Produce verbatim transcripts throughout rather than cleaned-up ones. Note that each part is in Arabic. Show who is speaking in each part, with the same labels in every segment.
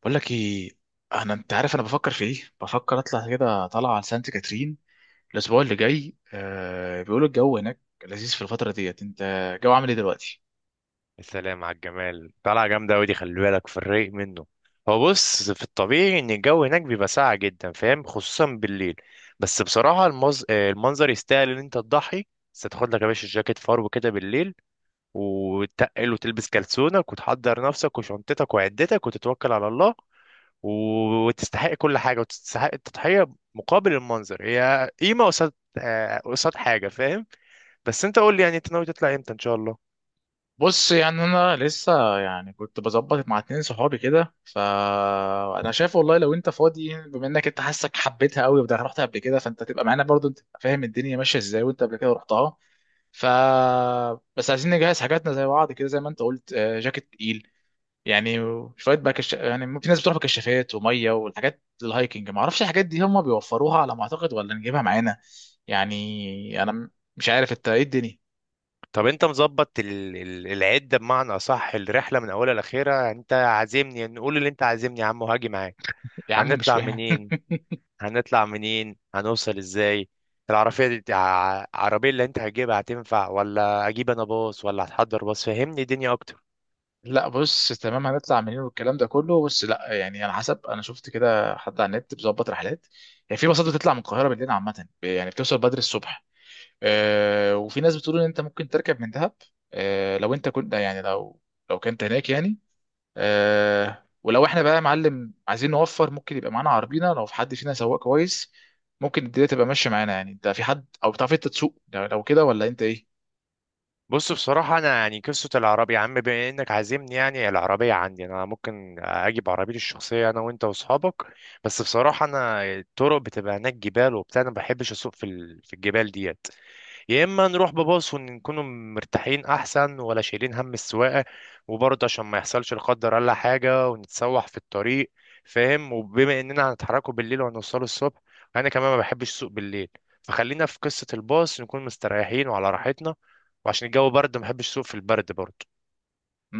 Speaker 1: بقول لك ايه، انا انت عارف، انا بفكر في ايه بفكر اطلع كده طالعه على سانت كاترين الاسبوع اللي جاي. آه، بيقولوا الجو هناك لذيذ في الفتره ديت. انت الجو عامل ايه دلوقتي؟
Speaker 2: السلام على الجمال. طلعة جامدة أوي دي، خلي بالك في الرايق منه. هو بص، في الطبيعي إن الجو هناك بيبقى ساقع جدا، فاهم، خصوصا بالليل. بس بصراحة المز... آه، المنظر يستاهل إن أنت تضحي. بس تاخد لك يا باشا جاكيت فرو كده بالليل، وتقل وتلبس كلسونك وتحضر نفسك وشنطتك وعدتك وتتوكل على الله. و- وتستحق كل حاجة وتستحق التضحية مقابل المنظر. هي قيمة قصاد آه، قصاد حاجة، فاهم. بس أنت قول لي، يعني أنت ناوي تطلع إمتى إن شاء الله؟
Speaker 1: بص، يعني انا لسه يعني كنت بظبط مع اتنين صحابي كده، فانا شايف والله لو انت فاضي، بما انك انت حاسك حبيتها قوي، وده رحت قبل كده، فانت تبقى معانا برضو، انت تبقى فاهم الدنيا ماشيه ازاي وانت قبل كده رحتها. ف بس عايزين نجهز حاجاتنا زي بعض كده، زي ما انت قلت، آه، جاكيت تقيل يعني. شويه بقى كش... يعني، ممكن ناس بتروح بكشافات وميه والحاجات الهايكنج، ما اعرفش الحاجات دي هم بيوفروها على ما اعتقد ولا نجيبها معانا. يعني انا م- مش عارف انت ايه الدنيا.
Speaker 2: طب انت مظبط ال- ال- العده، بمعنى اصح الرحله من اولها لاخرها؟ انت عازمني، نقول اللي انت عازمني يا عم وهاجي معاك.
Speaker 1: يا عم مش
Speaker 2: هنطلع
Speaker 1: فاهم
Speaker 2: منين؟ هنطلع منين، هنوصل ازاي؟ العربيه دي، ع- العربيه اللي انت هتجيبها هتنفع، ولا اجيب انا باص، ولا هتحضر باص؟ فهمني الدنيا اكتر.
Speaker 1: لا بص تمام، هنطلع منين والكلام ده كله، بس لا، يعني على حسب، انا شفت كده حد على النت بيظبط رحلات. يعني في باصات بتطلع من القاهره بالليل عامه، يعني بتوصل بدري الصبح. آه، وفي ناس بتقول ان انت ممكن تركب من دهب. آه، لو انت كنت يعني، لو لو كنت هناك يعني. آه، ولو احنا بقى يا معلم عايزين نوفر، ممكن يبقى معانا عربينا لو في حد فينا سواق كويس. ممكن الدنيا تبقى ماشيه معانا. يعني انت في حد، او بتعرف انت تسوق؟ لو لو كده، ولا انت ايه؟
Speaker 2: بص بصراحه، انا يعني قصه العربيه يا عم، بما انك عازمني، يعني العربيه عندي، انا ممكن اجيب عربيتي الشخصيه انا وانت واصحابك. بس بصراحه انا، الطرق بتبقى هناك جبال وبتاع، انا ما بحبش اسوق في ال- في الجبال دي. يا اما نروح بباص ونكون مرتاحين احسن، ولا شايلين هم السواقه؟ وبرضه عشان ما يحصلش لا قدر الله حاجه ونتسوح في الطريق، فاهم. وبما اننا هنتحركوا بالليل وهنوصلوا الصبح، انا كمان ما بحبش السوق بالليل. فخلينا في قصه الباص، نكون مستريحين وعلى راحتنا. وعشان الجو برد ما بحبش السوق في البرد برضه.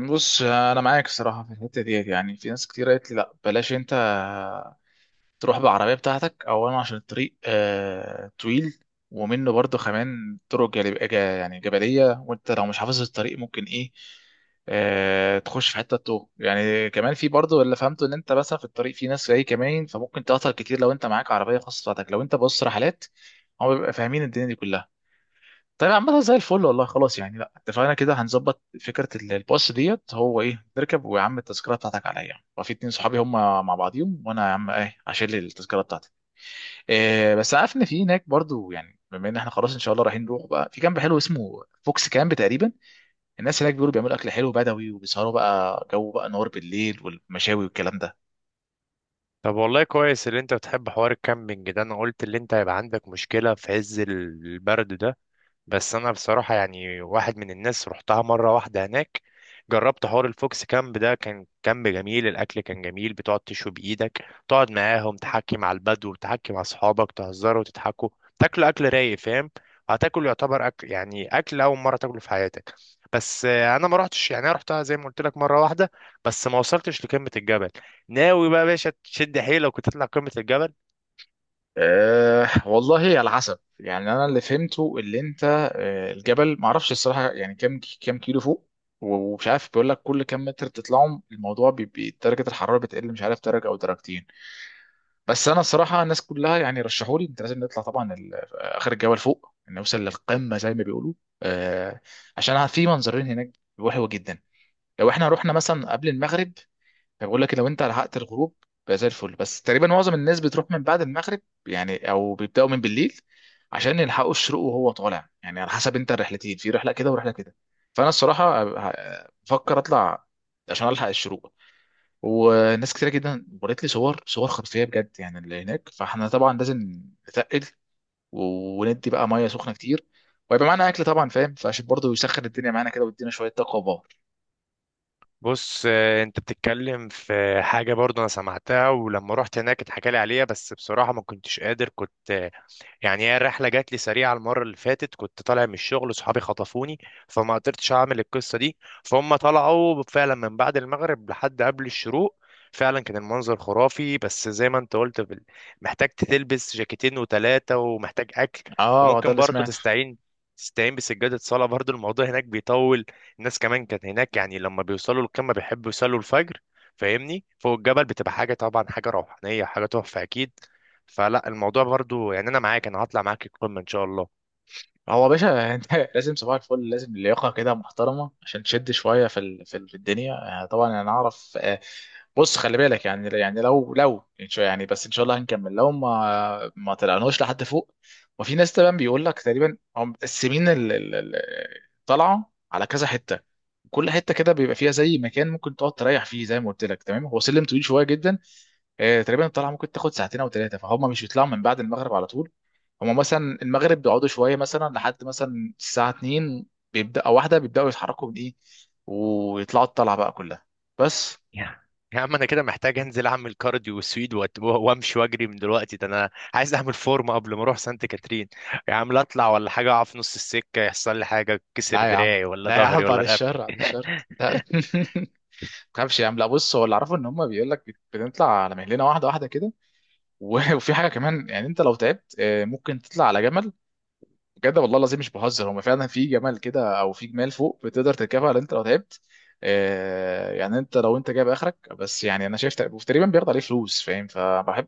Speaker 1: بص، انا معاك الصراحه في الحته ديت. يعني في ناس كتير قالت لي لا بلاش انت تروح بالعربية بتاعتك، أولا عشان الطريق، آه، طويل، ومنه برضو كمان طرق جالب... جا- يعني جبلية، وأنت لو مش حافظ الطريق ممكن إيه، آه، تخش في حتة توه. يعني كمان في برضو اللي فهمته إن أنت مثلا في الطريق في ناس جاي كمان، فممكن تعطل كتير لو أنت معاك عربية خاصة بتاعتك. لو أنت بص رحلات، هم بيبقى فاهمين الدنيا دي كلها. طيب، عامة زي الفل والله. خلاص يعني، لا اتفقنا كده، هنظبط فكرة ال- الباص ديت، هو ايه، نركب، ويا عم التذكرة بتاعتك عليا، وفي اتنين صحابي هم مع بعضيهم، وانا يا عم ايه هشيل التذكرة بتاعتي. إيه، بس عارف ان في هناك برضو، يعني بما ان احنا خلاص ان شاء الله رايحين، نروح بقى في كامب حلو اسمه فوكس كامب تقريبا. الناس هناك بيقولوا بيعملوا اكل حلو بدوي وبيسهروا بقى، جو بقى نار بالليل، والمشاوي والكلام ده.
Speaker 2: طب والله كويس اللي انت بتحب حوار الكامبينج ده، انا قلت اللي انت هيبقى عندك مشكله في عز البرد ده. بس انا بصراحه يعني واحد من الناس رحتها مره واحده هناك، جربت حوار الفوكس كامب ده. كان كامب جميل، الاكل كان جميل، بتقعد تشوي بايدك، تقعد معاهم تحكي مع البدو، تحكي مع اصحابك، تهزروا وتضحكوا، تاكلوا اكل رايق، فاهم. هتاكل يعتبر اكل، يعني اكل اول مره تاكله في حياتك. بس آه، انا ما رحتش، يعني انا رحتها زي ما قلت لك مره واحده، بس ما وصلتش لقمه الجبل. ناوي بقى يا باشا تشد حيلك وتطلع قمه الجبل؟
Speaker 1: أه والله، على حسب. يعني انا اللي فهمته اللي انت، أه، الجبل معرفش الصراحه يعني كام، كام كيلو فوق. ومش عارف، بيقول لك كل كام متر تطلعهم الموضوع بيبقى درجه الحراره بتقل، مش عارف درجه او درجتين. بس انا الصراحه الناس كلها يعني رشحوا لي انت لازم نطلع طبعا ال- اخر الجبل فوق نوصل للقمه زي ما بيقولوا. أه، عشان في منظرين هناك حلوه جدا. لو احنا رحنا مثلا قبل المغرب، بقول لك لو انت لحقت الغروب، بقى زي الفل. بس تقريبا معظم الناس بتروح من بعد المغرب، يعني او بيبداوا من بالليل عشان يلحقوا الشروق وهو طالع. يعني على حسب انت، الرحلتين، في رحله كده ورحله كده. فانا الصراحه ه- بفكر اطلع عشان الحق الشروق. وناس كتير جدا وريت لي صور، صور خرافيه بجد يعني اللي هناك. فاحنا طبعا لازم نتقل، و- وندي بقى ميه سخنه كتير، ويبقى معانا اكل طبعا فاهم، فعشان برضه يسخن الدنيا معانا كده ويدينا شويه طاقه وباور.
Speaker 2: بص آه، انت بتتكلم في حاجة برضو انا سمعتها، ولما رحت هناك اتحكى لي عليها، بس بصراحة ما كنتش قادر. كنت يعني، هي الرحله جات لي سريعه المره اللي فاتت، كنت طالع من الشغل وصحابي خطفوني، فما قدرتش اعمل القصه دي. فهم طلعوا فعلا من بعد المغرب لحد قبل الشروق، فعلا كان المنظر خرافي. بس زي ما انت قلت بال- محتاج تلبس جاكيتين وتلاتة، ومحتاج اكل.
Speaker 1: اه، ده
Speaker 2: وممكن
Speaker 1: اللي
Speaker 2: برضه
Speaker 1: سمعته.
Speaker 2: تستعين تستعين بسجادة صلاة برضه، الموضوع هناك بيطول. الناس كمان كانت هناك يعني لما بيوصلوا القمة بيحبوا يصلوا الفجر، فاهمني، فوق الجبل بتبقى حاجة طبعا، حاجة روحانية، حاجة تحفة أكيد. فلا الموضوع برضو، يعني انا معاك، انا هطلع معاك القمه ان شاء الله.
Speaker 1: هو يا باشا انت لازم صباح الفل، لازم لياقه كده محترمه عشان تشد شويه في ال- في ال- في الدنيا. آه، طبعا انا اعرف، آه، بص خلي بالك. يعني يعني لو لو إن شاء- يعني، بس ان شاء الله هنكمل لو ما ما طلعناش لحد فوق. وفي ناس طبعا بيقول لك، تقريبا هم مقسمين ال- ال- ال- الطلعه على كذا حته. كل حته كده بيبقى فيها زي مكان ممكن تقعد تريح فيه، زي ما قلت لك تمام، هو سلم طويل شويه جدا. آه، تقريبا الطلعه ممكن تاخد ساعتين او ثلاثه. فهم مش بيطلعوا من بعد المغرب على طول. هم مثلا المغرب بيقعدوا شويه، مثلا لحد مثلا الساعه اتنين بيبدا او واحده، بيبداوا يتحركوا من ايه ويطلعوا الطلعه بقى كلها، بس.
Speaker 2: يا يا عم انا كده محتاج انزل اعمل كارديو وسويد وأت- وامشي واجري من دلوقتي. ده انا عايز اعمل فورمه قبل ما اروح سانت كاترين. يا عم لا اطلع ولا حاجه، اقع في نص السكه يحصل لي حاجه، كسر
Speaker 1: لا يا عم،
Speaker 2: دراعي ولا
Speaker 1: لا يا عم،
Speaker 2: ظهري
Speaker 1: بعد
Speaker 2: ولا
Speaker 1: الشر،
Speaker 2: رقبتي.
Speaker 1: بعد الشر. لا ما تخافش يا عم. لا بص، هو اللي اعرفه ان هم بيقول لك بنطلع على مهلنا واحده واحده كده. و- وفي حاجه كمان، يعني انت لو تعبت، آه، ممكن تطلع على جبل. بجد والله العظيم مش بهزر، هما فعلا في جمال كده، او في جمال فوق بتقدر تركبها لو انت لو تعبت. آه، يعني انت لو انت جايب اخرك، بس يعني انا شايف تق- تقريبا بياخد عليه فلوس فاهم. فبحب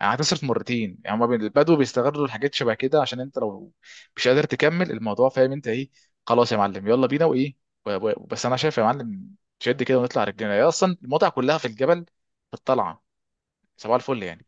Speaker 1: يعني، هتصرف مرتين يعني. هما بال- البدو بيستغلوا الحاجات شبه كده عشان انت لو مش قادر تكمل الموضوع، فاهم انت ايه؟ خلاص يا معلم يلا بينا وايه. و- و- بس انا شايف يا معلم، شد كده ونطلع رجلينا. هي اصلا المتعه كلها في الجبل، في الطلعه. صباح الفل يعني.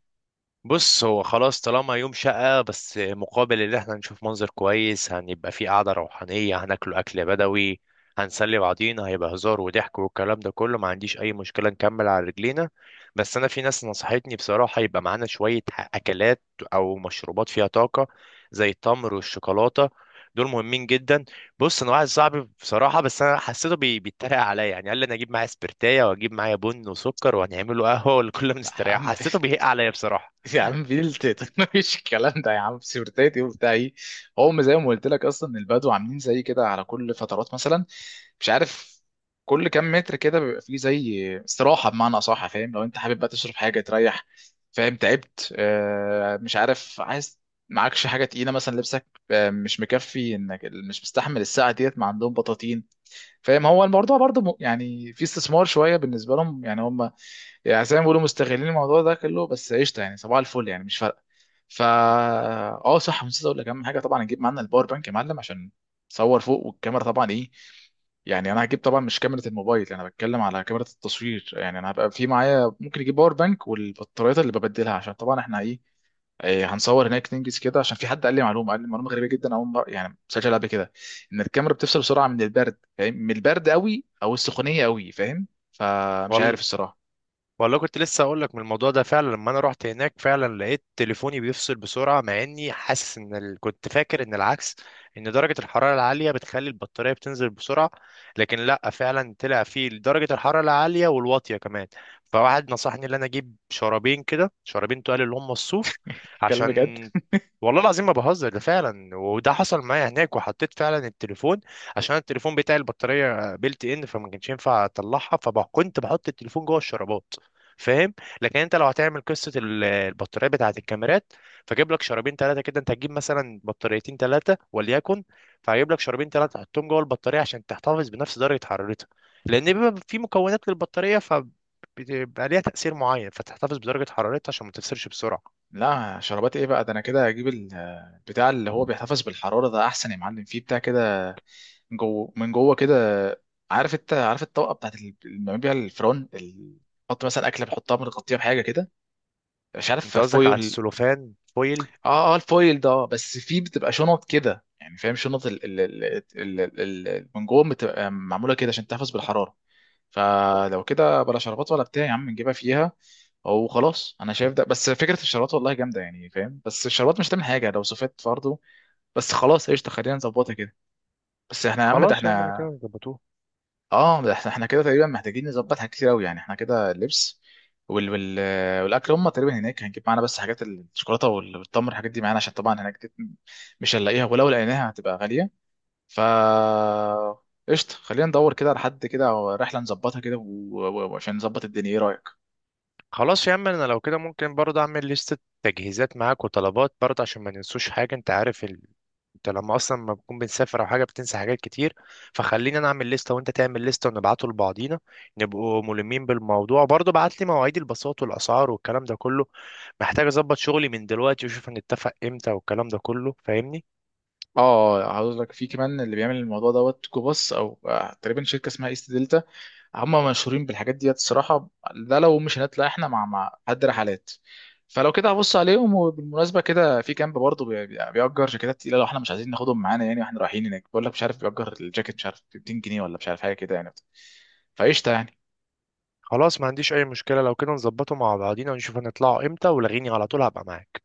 Speaker 2: بص هو خلاص، طالما يوم شقة، بس مقابل اللي احنا نشوف منظر كويس، هنبقى في قعدة روحانية، هناكله أكل بدوي، هنسلي بعضينا، هيبقى هزار وضحك والكلام ده كله، ما عنديش أي مشكلة نكمل على رجلينا. بس أنا في ناس نصحتني بصراحة يبقى معانا شوية أكلات أو مشروبات فيها طاقة، زي التمر والشوكولاتة، دول مهمين جدا. بص انا واحد صاحبي بصراحه، بس انا حسيته بي- بيتريق عليا، يعني قال لي انا اجيب معايا سبرتايه واجيب معايا بن وسكر وهنعمله قهوه والكل
Speaker 1: لا يا
Speaker 2: مستريح.
Speaker 1: عم
Speaker 2: حسيته بيهق عليا بصراحه.
Speaker 1: يا عم بنت مفيش الكلام ده يا عم، سيرتاتي وبتاع ايه. هم زي ما قلت لك اصلا البدو عاملين زي كده على كل فترات. مثلا مش عارف، كل كام متر كده بيبقى فيه زي استراحه بمعنى اصح، فاهم؟ لو انت حابب بقى تشرب حاجه، تريح، فاهم، تعبت، آه، مش عارف عايز، معكش حاجه تقيله، مثلا لبسك آه مش مكفي، انك مش مستحمل الساعه ديت. ما عندهم بطاطين فاهم. هو الموضوع برضه م- يعني في استثمار شويه بالنسبه لهم، يعني هم يعني زي ما بيقولوا مستغلين الموضوع ده كله، بس قشطه يعني، صباح الفل يعني، مش فارقه. فا اه، صح، نسيت اقول لك اهم حاجه، طبعا نجيب معانا الباور بانك يا معلم، عشان تصور فوق والكاميرا طبعا ايه. يعني انا هجيب طبعا مش كاميرا الموبايل، انا بتكلم على كاميرا التصوير. يعني انا هبقى في معايا، ممكن اجيب باور بانك والبطاريات اللي ببدلها عشان طبعا احنا ايه، إيه، هنصور هناك ننجز كده. عشان في حد قال لي معلومه، قال لي معلومه غريبه جدا، اول مره يعني مسجل قبل كده، ان الكاميرا بتفصل بسرعه من البرد، فاهم، من البرد قوي او السخونيه قوي فاهم. فمش عارف
Speaker 2: وال...
Speaker 1: الصراحه.
Speaker 2: والله كنت لسه اقول لك من الموضوع ده. فعلا لما انا رحت هناك فعلا لقيت تليفوني بيفصل بسرعه، مع اني حاسس ان ال... كنت فاكر ان العكس، ان درجه الحراره العاليه بتخلي البطاريه بتنزل بسرعه، لكن لا، فعلا طلع فيه درجه الحراره العاليه والواطيه كمان. فواحد نصحني ان انا اجيب شرابين كده، شرابين تقال اللي هم الصوف،
Speaker 1: الكلام بجد.
Speaker 2: عشان والله العظيم ما بهزر، ده فعلا وده حصل معايا هناك. وحطيت فعلا التليفون، عشان التليفون بتاعي البطاريه بيلت ان، فما كانش ينفع اطلعها، فكنت بحط التليفون جوه الشرابات، فاهم. لكن انت لو هتعمل قصه ال- البطاريه بتاعه الكاميرات، فجيب لك شرابين ثلاثه كده. انت هتجيب مثلا بطاريتين ثلاثه وليكن، فهجيب لك شرابين ثلاثه تحطهم جوه البطاريه عشان تحتفظ بنفس درجه حرارتها. لان بيبقى في مكونات للبطاريه، ف بيبقى ليها تأثير معين، فتحتفظ بدرجة حرارتها عشان ما تفسرش بسرعة.
Speaker 1: لا شربات ايه بقى، ده انا كده هجيب ال- بتاع، اللي هو بيحتفظ بالحراره، ده احسن يا معلم. فيه بتاع كده من جوه، من جوه كده. عارف، انت عارف الطبقه بتاعت ال- اللي بنعمل بيها الفرن ال- بحط مثلا اكله بحطها بنغطيها بحاجه كده، مش عارف،
Speaker 2: انت قصدك على
Speaker 1: فويل.
Speaker 2: السلوفان فويل؟
Speaker 1: اه اه الفويل ده، آه، بس فيه بتبقى شنط كده يعني فاهم، شنط ال... ال... ال... ال... ال... ال- من جوه بتبقى معموله كده عشان تحتفظ بالحراره. فلو كده بلا شربات ولا بتاع يا عم، نجيبها فيها وخلاص. انا شايف ده، بس فكره الشربات والله جامده يعني فاهم، بس الشربات مش هتعمل حاجه لو صفت برضه. بس خلاص، قشطه، خلينا نظبطها كده. بس احنا يا عم، ده
Speaker 2: خلاص يا عم انا
Speaker 1: احنا،
Speaker 2: كده ظبطوه.
Speaker 1: اه ده احنا، احنا كده تقريبا محتاجين نظبط حاجات كتير قوي. يعني احنا كده، اللبس، وال... وال... والاكل هم تقريبا هناك هنجيب معانا، بس حاجات الشوكولاته وال- والتمر، الحاجات دي معانا، عشان طبعا هناك دي مش هنلاقيها، ولو لقيناها هتبقى غاليه. فا قشطة، خلينا ندور كده على حد كده، أو رحلة نظبطها كده، و- و- وعشان نظبط الدنيا، إيه رأيك؟
Speaker 2: خلاص يا عم، انا لو كده ممكن برضه اعمل لستة تجهيزات معاك وطلبات، برضه عشان ما ننسوش حاجة. انت عارف ال... انت لما اصلا ما بنكون بنسافر او حاجة بتنسى حاجات كتير. فخليني انا اعمل لستة وانت تعمل لستة ونبعته لبعضينا، نبقوا ملمين بالموضوع. برضه بعت لي مواعيد الباصات والاسعار والكلام ده كله، محتاج اظبط شغلي من دلوقتي واشوف هنتفق امتى والكلام ده كله، فاهمني.
Speaker 1: اه، هقول لك في كمان اللي بيعمل الموضوع دوت جو باص، او آه، تقريبا شركه اسمها ايست دلتا، هم مشهورين بالحاجات ديت الصراحه. ده لو مش هنطلع احنا مع مع حد رحلات. فلو كده هبص عليهم. وبالمناسبه كده، في كامب برضه بي- بي- بيأجر جاكيتات تقيله، لو احنا مش عايزين ناخدهم معانا يعني واحنا رايحين هناك. بقول لك مش عارف، بيأجر الجاكيت مش عارف ب ميتين جنيه ولا مش عارف حاجه كده يعني، فقشطه يعني.
Speaker 2: خلاص ما عنديش اي مشكلة، لو كده نظبطه مع بعضينا ونشوف هنطلعوا امتى، ولغيني على طول هبقى معاك.